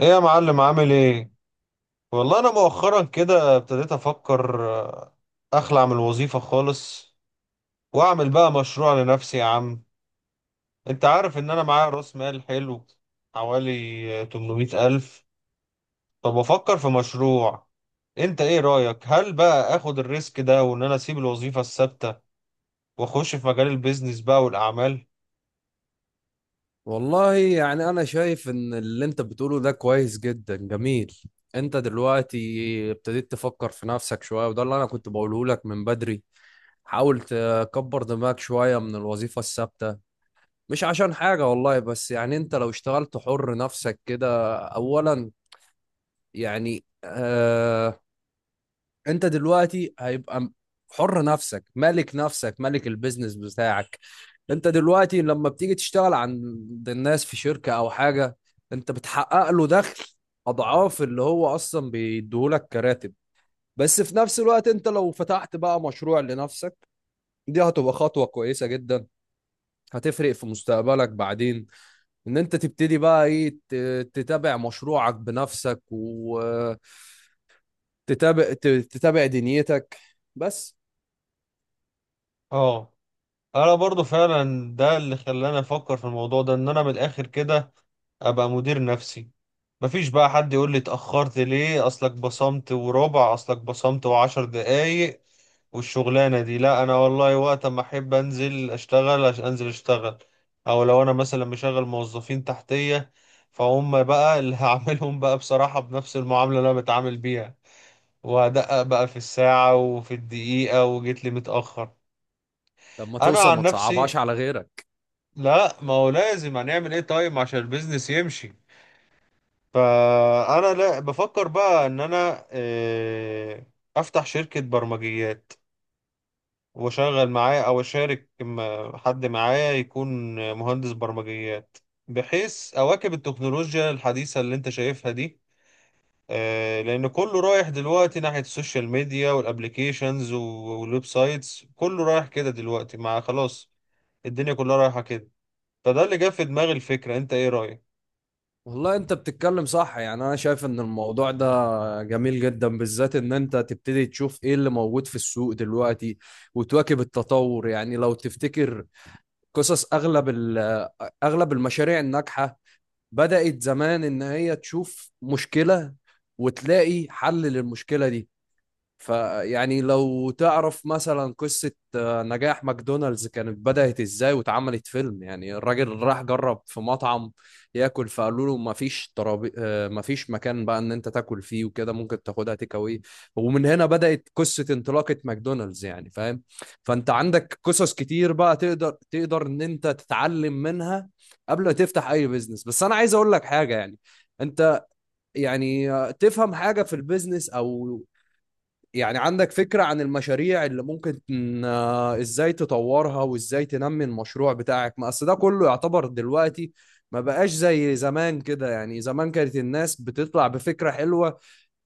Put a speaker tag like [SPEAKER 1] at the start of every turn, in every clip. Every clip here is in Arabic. [SPEAKER 1] ايه يا معلم، عامل ايه؟ والله انا مؤخرا كده ابتديت افكر اخلع من الوظيفة خالص، واعمل بقى مشروع لنفسي يا عم. انت عارف ان انا معايا راس مال حلو، حوالي 800 الف. فبفكر في مشروع. انت ايه رأيك؟ هل بقى اخد الريسك ده وان انا اسيب الوظيفة الثابتة واخش في مجال البيزنس بقى والاعمال؟
[SPEAKER 2] والله يعني أنا شايف إن اللي أنت بتقوله ده كويس جدا جميل. أنت دلوقتي ابتديت تفكر في نفسك شوية، وده اللي أنا كنت بقوله لك من بدري. حاول تكبر دماغك شوية من الوظيفة الثابتة. مش عشان حاجة والله، بس يعني أنت لو اشتغلت حر نفسك كده أولا، يعني أنت دلوقتي هيبقى حر نفسك، مالك نفسك، مالك البيزنس بتاعك. انت دلوقتي لما بتيجي تشتغل عند الناس في شركة او حاجة، انت بتحقق له دخل اضعاف اللي هو اصلا بيديهولك كراتب. بس في نفس الوقت انت لو فتحت بقى مشروع لنفسك، دي هتبقى خطوة كويسة جدا، هتفرق في مستقبلك بعدين. ان انت تبتدي بقى ايه، تتابع مشروعك بنفسك، وتتابع دنيتك بس.
[SPEAKER 1] اه، انا برضو فعلا ده اللي خلاني افكر في الموضوع ده، ان انا من الاخر كده ابقى مدير نفسي. مفيش بقى حد يقول لي اتأخرت ليه، اصلك بصمت وربع، اصلك بصمت وعشر دقايق. والشغلانة دي لا، انا والله وقت ما احب انزل اشتغل عشان انزل اشتغل. او لو انا مثلا مشغل موظفين تحتية، فهم بقى اللي هعملهم بقى بصراحة بنفس المعاملة اللي انا بتعامل بيها، وهدقق بقى في الساعة وفي الدقيقة وجيت لي متأخر.
[SPEAKER 2] لما
[SPEAKER 1] انا
[SPEAKER 2] توصل
[SPEAKER 1] عن
[SPEAKER 2] ما تصعبهاش
[SPEAKER 1] نفسي،
[SPEAKER 2] على غيرك.
[SPEAKER 1] لا، ما هو لازم هنعمل ايه طيب عشان البيزنس يمشي. فانا لا بفكر بقى ان انا افتح شركة برمجيات واشغل معاه، او اشارك حد معايا يكون مهندس برمجيات، بحيث اواكب التكنولوجيا الحديثة اللي انت شايفها دي. لان كله رايح دلوقتي ناحية السوشيال ميديا والابليكيشنز والويب سايتس، كله رايح كده دلوقتي مع خلاص. الدنيا كلها رايحة كده. فده اللي جاب في دماغي الفكرة. انت ايه رأيك؟
[SPEAKER 2] والله انت بتتكلم صح، يعني انا شايف ان الموضوع ده جميل جدا، بالذات ان انت تبتدي تشوف ايه اللي موجود في السوق دلوقتي وتواكب التطور. يعني لو تفتكر قصص اغلب اغلب المشاريع الناجحة، بدأت زمان ان هي تشوف مشكلة وتلاقي حل للمشكلة دي. فيعني لو تعرف مثلا قصة نجاح ماكدونالدز كانت بدأت ازاي، واتعملت فيلم. يعني الراجل راح جرب في مطعم ياكل، فقالوا له مفيش ترابي، مفيش مكان بقى ان انت تاكل فيه وكده، ممكن تاخدها تيك اواي. ومن هنا بدأت قصة انطلاقة ماكدونالدز، يعني فاهم؟ فانت عندك قصص كتير بقى، تقدر ان انت تتعلم منها قبل ما تفتح اي بيزنس. بس انا عايز اقول لك حاجة. يعني انت، يعني تفهم حاجة في البيزنس، او يعني عندك فكرة عن المشاريع اللي ممكن ازاي تطورها وازاي تنمي المشروع بتاعك. ما اصل ده كله يعتبر دلوقتي ما بقاش زي زمان كده. يعني زمان كانت الناس بتطلع بفكرة حلوة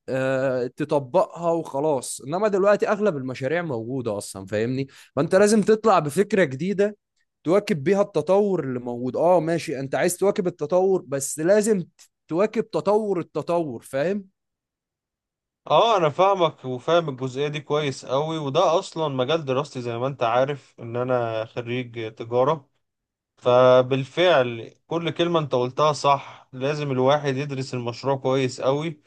[SPEAKER 2] تطبقها وخلاص، انما دلوقتي اغلب المشاريع موجودة اصلا، فاهمني؟ فانت لازم تطلع بفكرة جديدة، تواكب بيها التطور اللي موجود. اه ماشي، انت عايز تواكب التطور، بس لازم تواكب تطور التطور، فاهم؟
[SPEAKER 1] اه، انا فاهمك، وفاهم الجزئيه دي كويس قوي. وده اصلا مجال دراستي زي ما انت عارف ان انا خريج تجاره. فبالفعل كل كلمه انت قلتها صح، لازم الواحد يدرس المشروع كويس قوي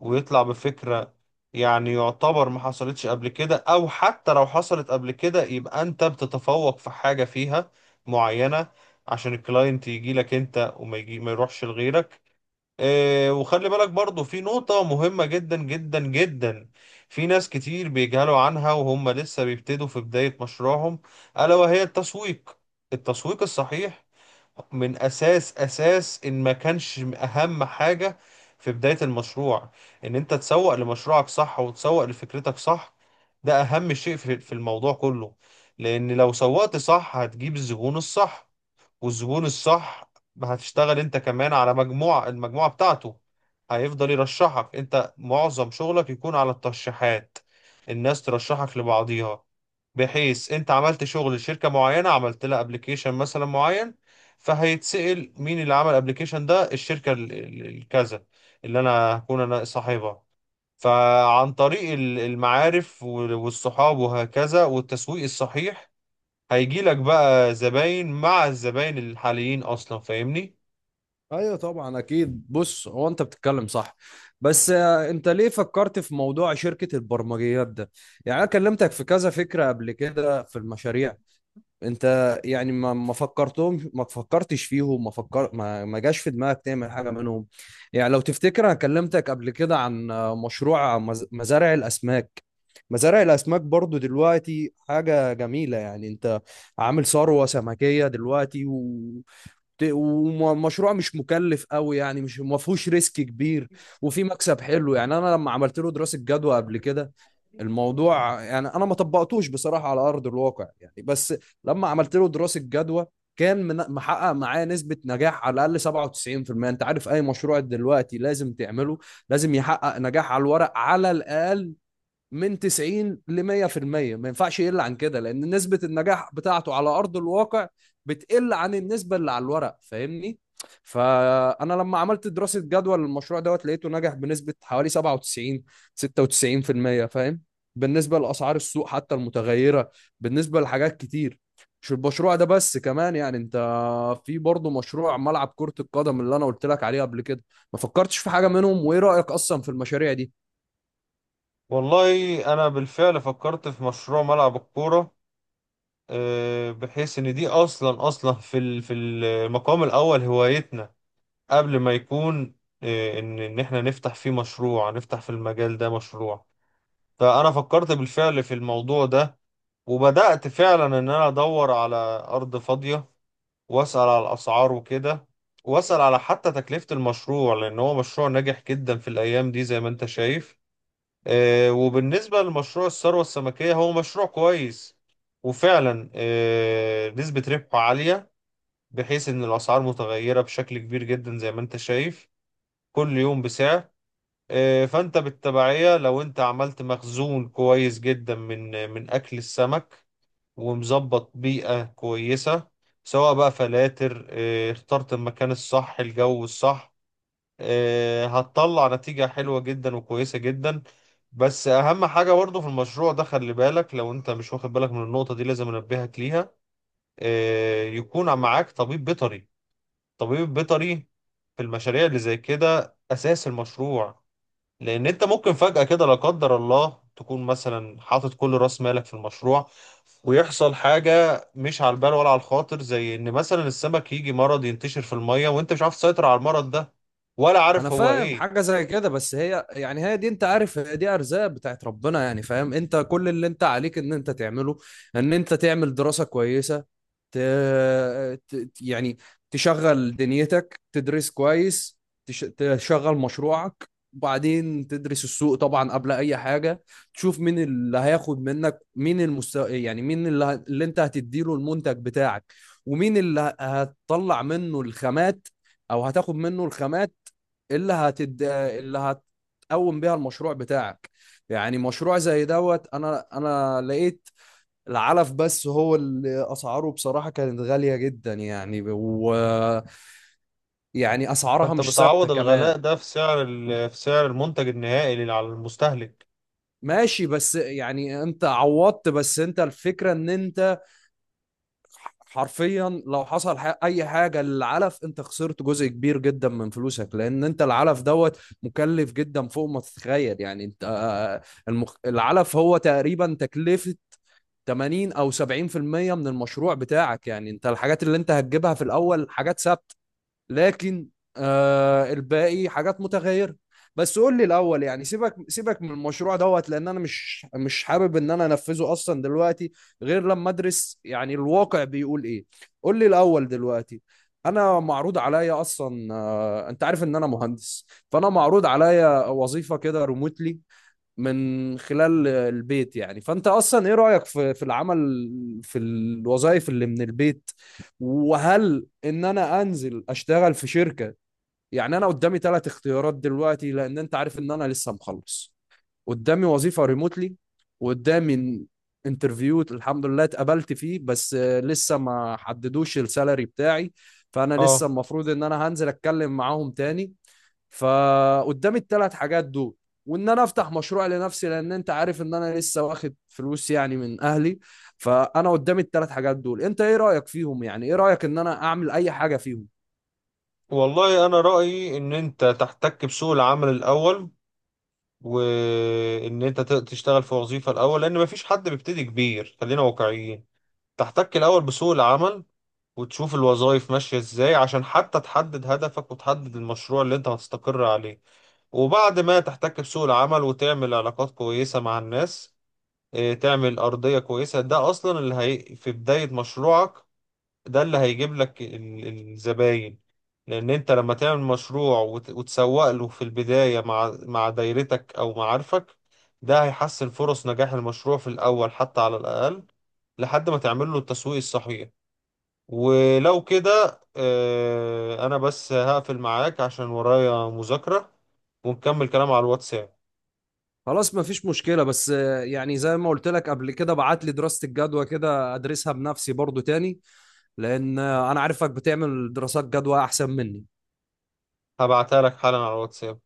[SPEAKER 1] ويطلع بفكره، يعني يعتبر ما حصلتش قبل كده، او حتى لو حصلت قبل كده يبقى انت بتتفوق في حاجه فيها معينه عشان الكلاينت يجي لك انت وما يجي ما يروحش لغيرك. وخلي بالك برضو في نقطة مهمة جدا جدا جدا. في ناس كتير بيجهلوا عنها وهم لسه بيبتدوا في بداية مشروعهم، ألا وهي التسويق. التسويق الصحيح من أساس أساس إن ما كانش أهم حاجة في بداية المشروع، إن أنت تسوق لمشروعك صح وتسوق لفكرتك صح. ده أهم شيء في الموضوع كله. لأن لو سوقت صح هتجيب الزبون الصح، والزبون الصح هتشتغل انت كمان على مجموعة، المجموعة بتاعته هيفضل يرشحك. انت معظم شغلك يكون على الترشيحات، الناس ترشحك لبعضيها، بحيث انت عملت شغل لشركة معينة، عملت لها ابلكيشن مثلا معين، فهيتسأل مين اللي عمل الابلكيشن ده؟ الشركة الكذا، اللي انا هكون انا صاحبها. فعن طريق المعارف والصحاب وهكذا والتسويق الصحيح، هيجي لك بقى زباين مع الزباين الحاليين اصلا، فاهمني؟
[SPEAKER 2] ايوه طبعا اكيد. بص، هو انت بتتكلم صح، بس انت ليه فكرت في موضوع شركة البرمجيات ده؟ يعني انا كلمتك في كذا فكرة قبل كده في المشاريع. انت يعني ما فكرتهمش، ما فكرتش فيهم، ما فكر ما, ما جاش في دماغك تعمل حاجة منهم. يعني لو تفتكر انا كلمتك قبل كده عن مشروع مزارع الاسماك. مزارع الاسماك برضو دلوقتي حاجة جميلة، يعني انت عامل ثروة سمكية دلوقتي. ومشروع مش مكلف قوي، يعني مش ما فيهوش ريسك كبير، وفي مكسب حلو. يعني انا لما عملت له دراسه جدوى قبل كده، الموضوع يعني انا ما طبقتوش بصراحه على ارض الواقع يعني، بس لما عملت له دراسه جدوى كان محقق معايا نسبة نجاح على الأقل 97%. أنت عارف أي مشروع دلوقتي لازم تعمله، لازم يحقق نجاح على الورق على الأقل من 90 ل 100%. ما ينفعش يقل عن كده، لان نسبة النجاح بتاعته على ارض الواقع بتقل عن النسبة اللي على الورق، فاهمني؟ فانا لما عملت دراسة جدوى للمشروع دوت، لقيته نجح بنسبة حوالي 97، 96%، فاهم؟ بالنسبة لاسعار السوق حتى المتغيرة، بالنسبة لحاجات كتير، مش المشروع ده بس كمان. يعني انت، في برضه مشروع ملعب كرة القدم اللي انا قلت لك عليه قبل كده، ما فكرتش في حاجة منهم، وايه رأيك اصلا في المشاريع دي؟
[SPEAKER 1] والله انا بالفعل فكرت في مشروع ملعب الكوره. بحيث ان دي اصلا اصلا في المقام الاول هوايتنا قبل ما يكون ان احنا نفتح فيه مشروع، نفتح في المجال ده مشروع. فانا فكرت بالفعل في الموضوع ده، وبدأت فعلا ان انا ادور على ارض فاضيه واسأل على الأسعار وكده، واسأل على حتى تكلفة المشروع، لأن هو مشروع ناجح جدا في الأيام دي زي ما أنت شايف. وبالنسبة لمشروع الثروة السمكية، هو مشروع كويس وفعلا نسبة ربحه عالية، بحيث إن الأسعار متغيرة بشكل كبير جدا زي ما أنت شايف، كل يوم بسعر. فأنت بالتبعية لو أنت عملت مخزون كويس جدا من أكل السمك ومظبط بيئة كويسة، سواء بقى فلاتر، اخترت المكان الصح الجو الصح. هتطلع نتيجة حلوة جدا وكويسة جدا. بس أهم حاجة برضه في المشروع ده، خلي بالك، لو أنت مش واخد بالك من النقطة دي لازم أنبهك ليها. يكون معاك طبيب بيطري. طبيب بيطري في المشاريع اللي زي كده أساس المشروع. لان انت ممكن فجأة كده لا قدر الله تكون مثلا حاطط كل راس مالك في المشروع، ويحصل حاجة مش على البال ولا على الخاطر، زي ان مثلا السمك يجي مرض ينتشر في المية وانت مش عارف تسيطر على المرض ده، ولا
[SPEAKER 2] انا
[SPEAKER 1] عارف هو
[SPEAKER 2] فاهم
[SPEAKER 1] ايه.
[SPEAKER 2] حاجه زي كده، بس هي يعني هي دي، انت عارف، هي دي ارزاق بتاعت ربنا، يعني فاهم؟ انت كل اللي انت عليك ان انت تعمله، ان انت تعمل دراسه كويسه، ت... يعني تشغل دنيتك، تدرس كويس، تشغل مشروعك، وبعدين تدرس السوق طبعا قبل اي حاجه. تشوف مين اللي هياخد منك، مين المستوى، يعني مين اللي انت هتديله المنتج بتاعك، ومين اللي هتطلع منه الخامات او هتاخد منه الخامات، اللي اللي هتقوم بيها المشروع بتاعك. يعني مشروع زي دوت، انا لقيت العلف بس هو اللي اسعاره بصراحه كانت غاليه جدا يعني، و يعني اسعارها
[SPEAKER 1] فانت
[SPEAKER 2] مش ثابته
[SPEAKER 1] بتعوض
[SPEAKER 2] كمان.
[SPEAKER 1] الغلاء ده في في سعر المنتج النهائي اللي على المستهلك.
[SPEAKER 2] ماشي، بس يعني انت عوضت، بس انت الفكره ان انت حرفيا لو حصل اي حاجه للعلف، انت خسرت جزء كبير جدا من فلوسك، لان انت العلف دوت مكلف جدا فوق ما تتخيل. يعني انت العلف هو تقريبا تكلفه 80 او 70% من المشروع بتاعك. يعني انت الحاجات اللي انت هتجيبها في الاول حاجات ثابته، لكن الباقي حاجات متغيرة. بس قول لي الأول، يعني سيبك سيبك من المشروع دوت، لأن أنا مش حابب إن أنا أنفذه أصلا دلوقتي، غير لما أدرس يعني الواقع بيقول إيه. قول لي الأول دلوقتي. أنا معروض عليا أصلا، أنت عارف إن أنا مهندس. فأنا معروض عليا وظيفة كده ريموتلي من خلال البيت. يعني فانت اصلا ايه رايك في العمل، في الوظائف اللي من البيت؟ وهل ان انا انزل اشتغل في شركه؟ يعني انا قدامي ثلاث اختيارات دلوقتي، لان انت عارف ان انا لسه مخلص. قدامي وظيفه ريموتلي، وقدامي انترفيو الحمد لله اتقبلت فيه، بس لسه ما حددوش السالري بتاعي. فانا لسه
[SPEAKER 1] اه،
[SPEAKER 2] المفروض ان انا هنزل اتكلم معاهم تاني. فقدامي الثلاث حاجات دول، وان انا افتح مشروع لنفسي لان انت عارف ان انا لسه واخد فلوس يعني من اهلي. فانا قدامي الثلاث حاجات دول، انت ايه رايك فيهم؟ يعني ايه رايك ان انا اعمل اي حاجه فيهم؟
[SPEAKER 1] والله انا رأيي ان انت تحتك بسوق العمل الاول، وان انت تشتغل في وظيفة الاول، لان مفيش حد بيبتدي كبير، خلينا واقعيين. تحتك الأول بسوق العمل وتشوف الوظائف ماشية ازاي، عشان حتى تحدد هدفك وتحدد المشروع اللي انت هتستقر عليه. وبعد ما تحتك بسوق العمل وتعمل علاقات كويسة مع الناس، اه، تعمل أرضية كويسة. ده أصلا اللي هي في بداية مشروعك، ده اللي هيجيب لك الزباين. لأن انت لما تعمل مشروع وتسوق له في البداية مع دايرتك أو معارفك، ده هيحسن فرص نجاح المشروع في الأول حتى على الأقل، لحد ما تعمل له التسويق الصحيح. ولو كده انا بس هقفل معاك عشان ورايا مذاكرة، ونكمل كلام على الواتساب.
[SPEAKER 2] خلاص مفيش مشكله، بس يعني زي ما قلت لك قبل كده، بعت لي دراسه الجدوى كده، ادرسها بنفسي برضو تاني. لان انا عارفك بتعمل دراسات جدوى احسن مني.
[SPEAKER 1] هبعتها لك حالا على الواتساب.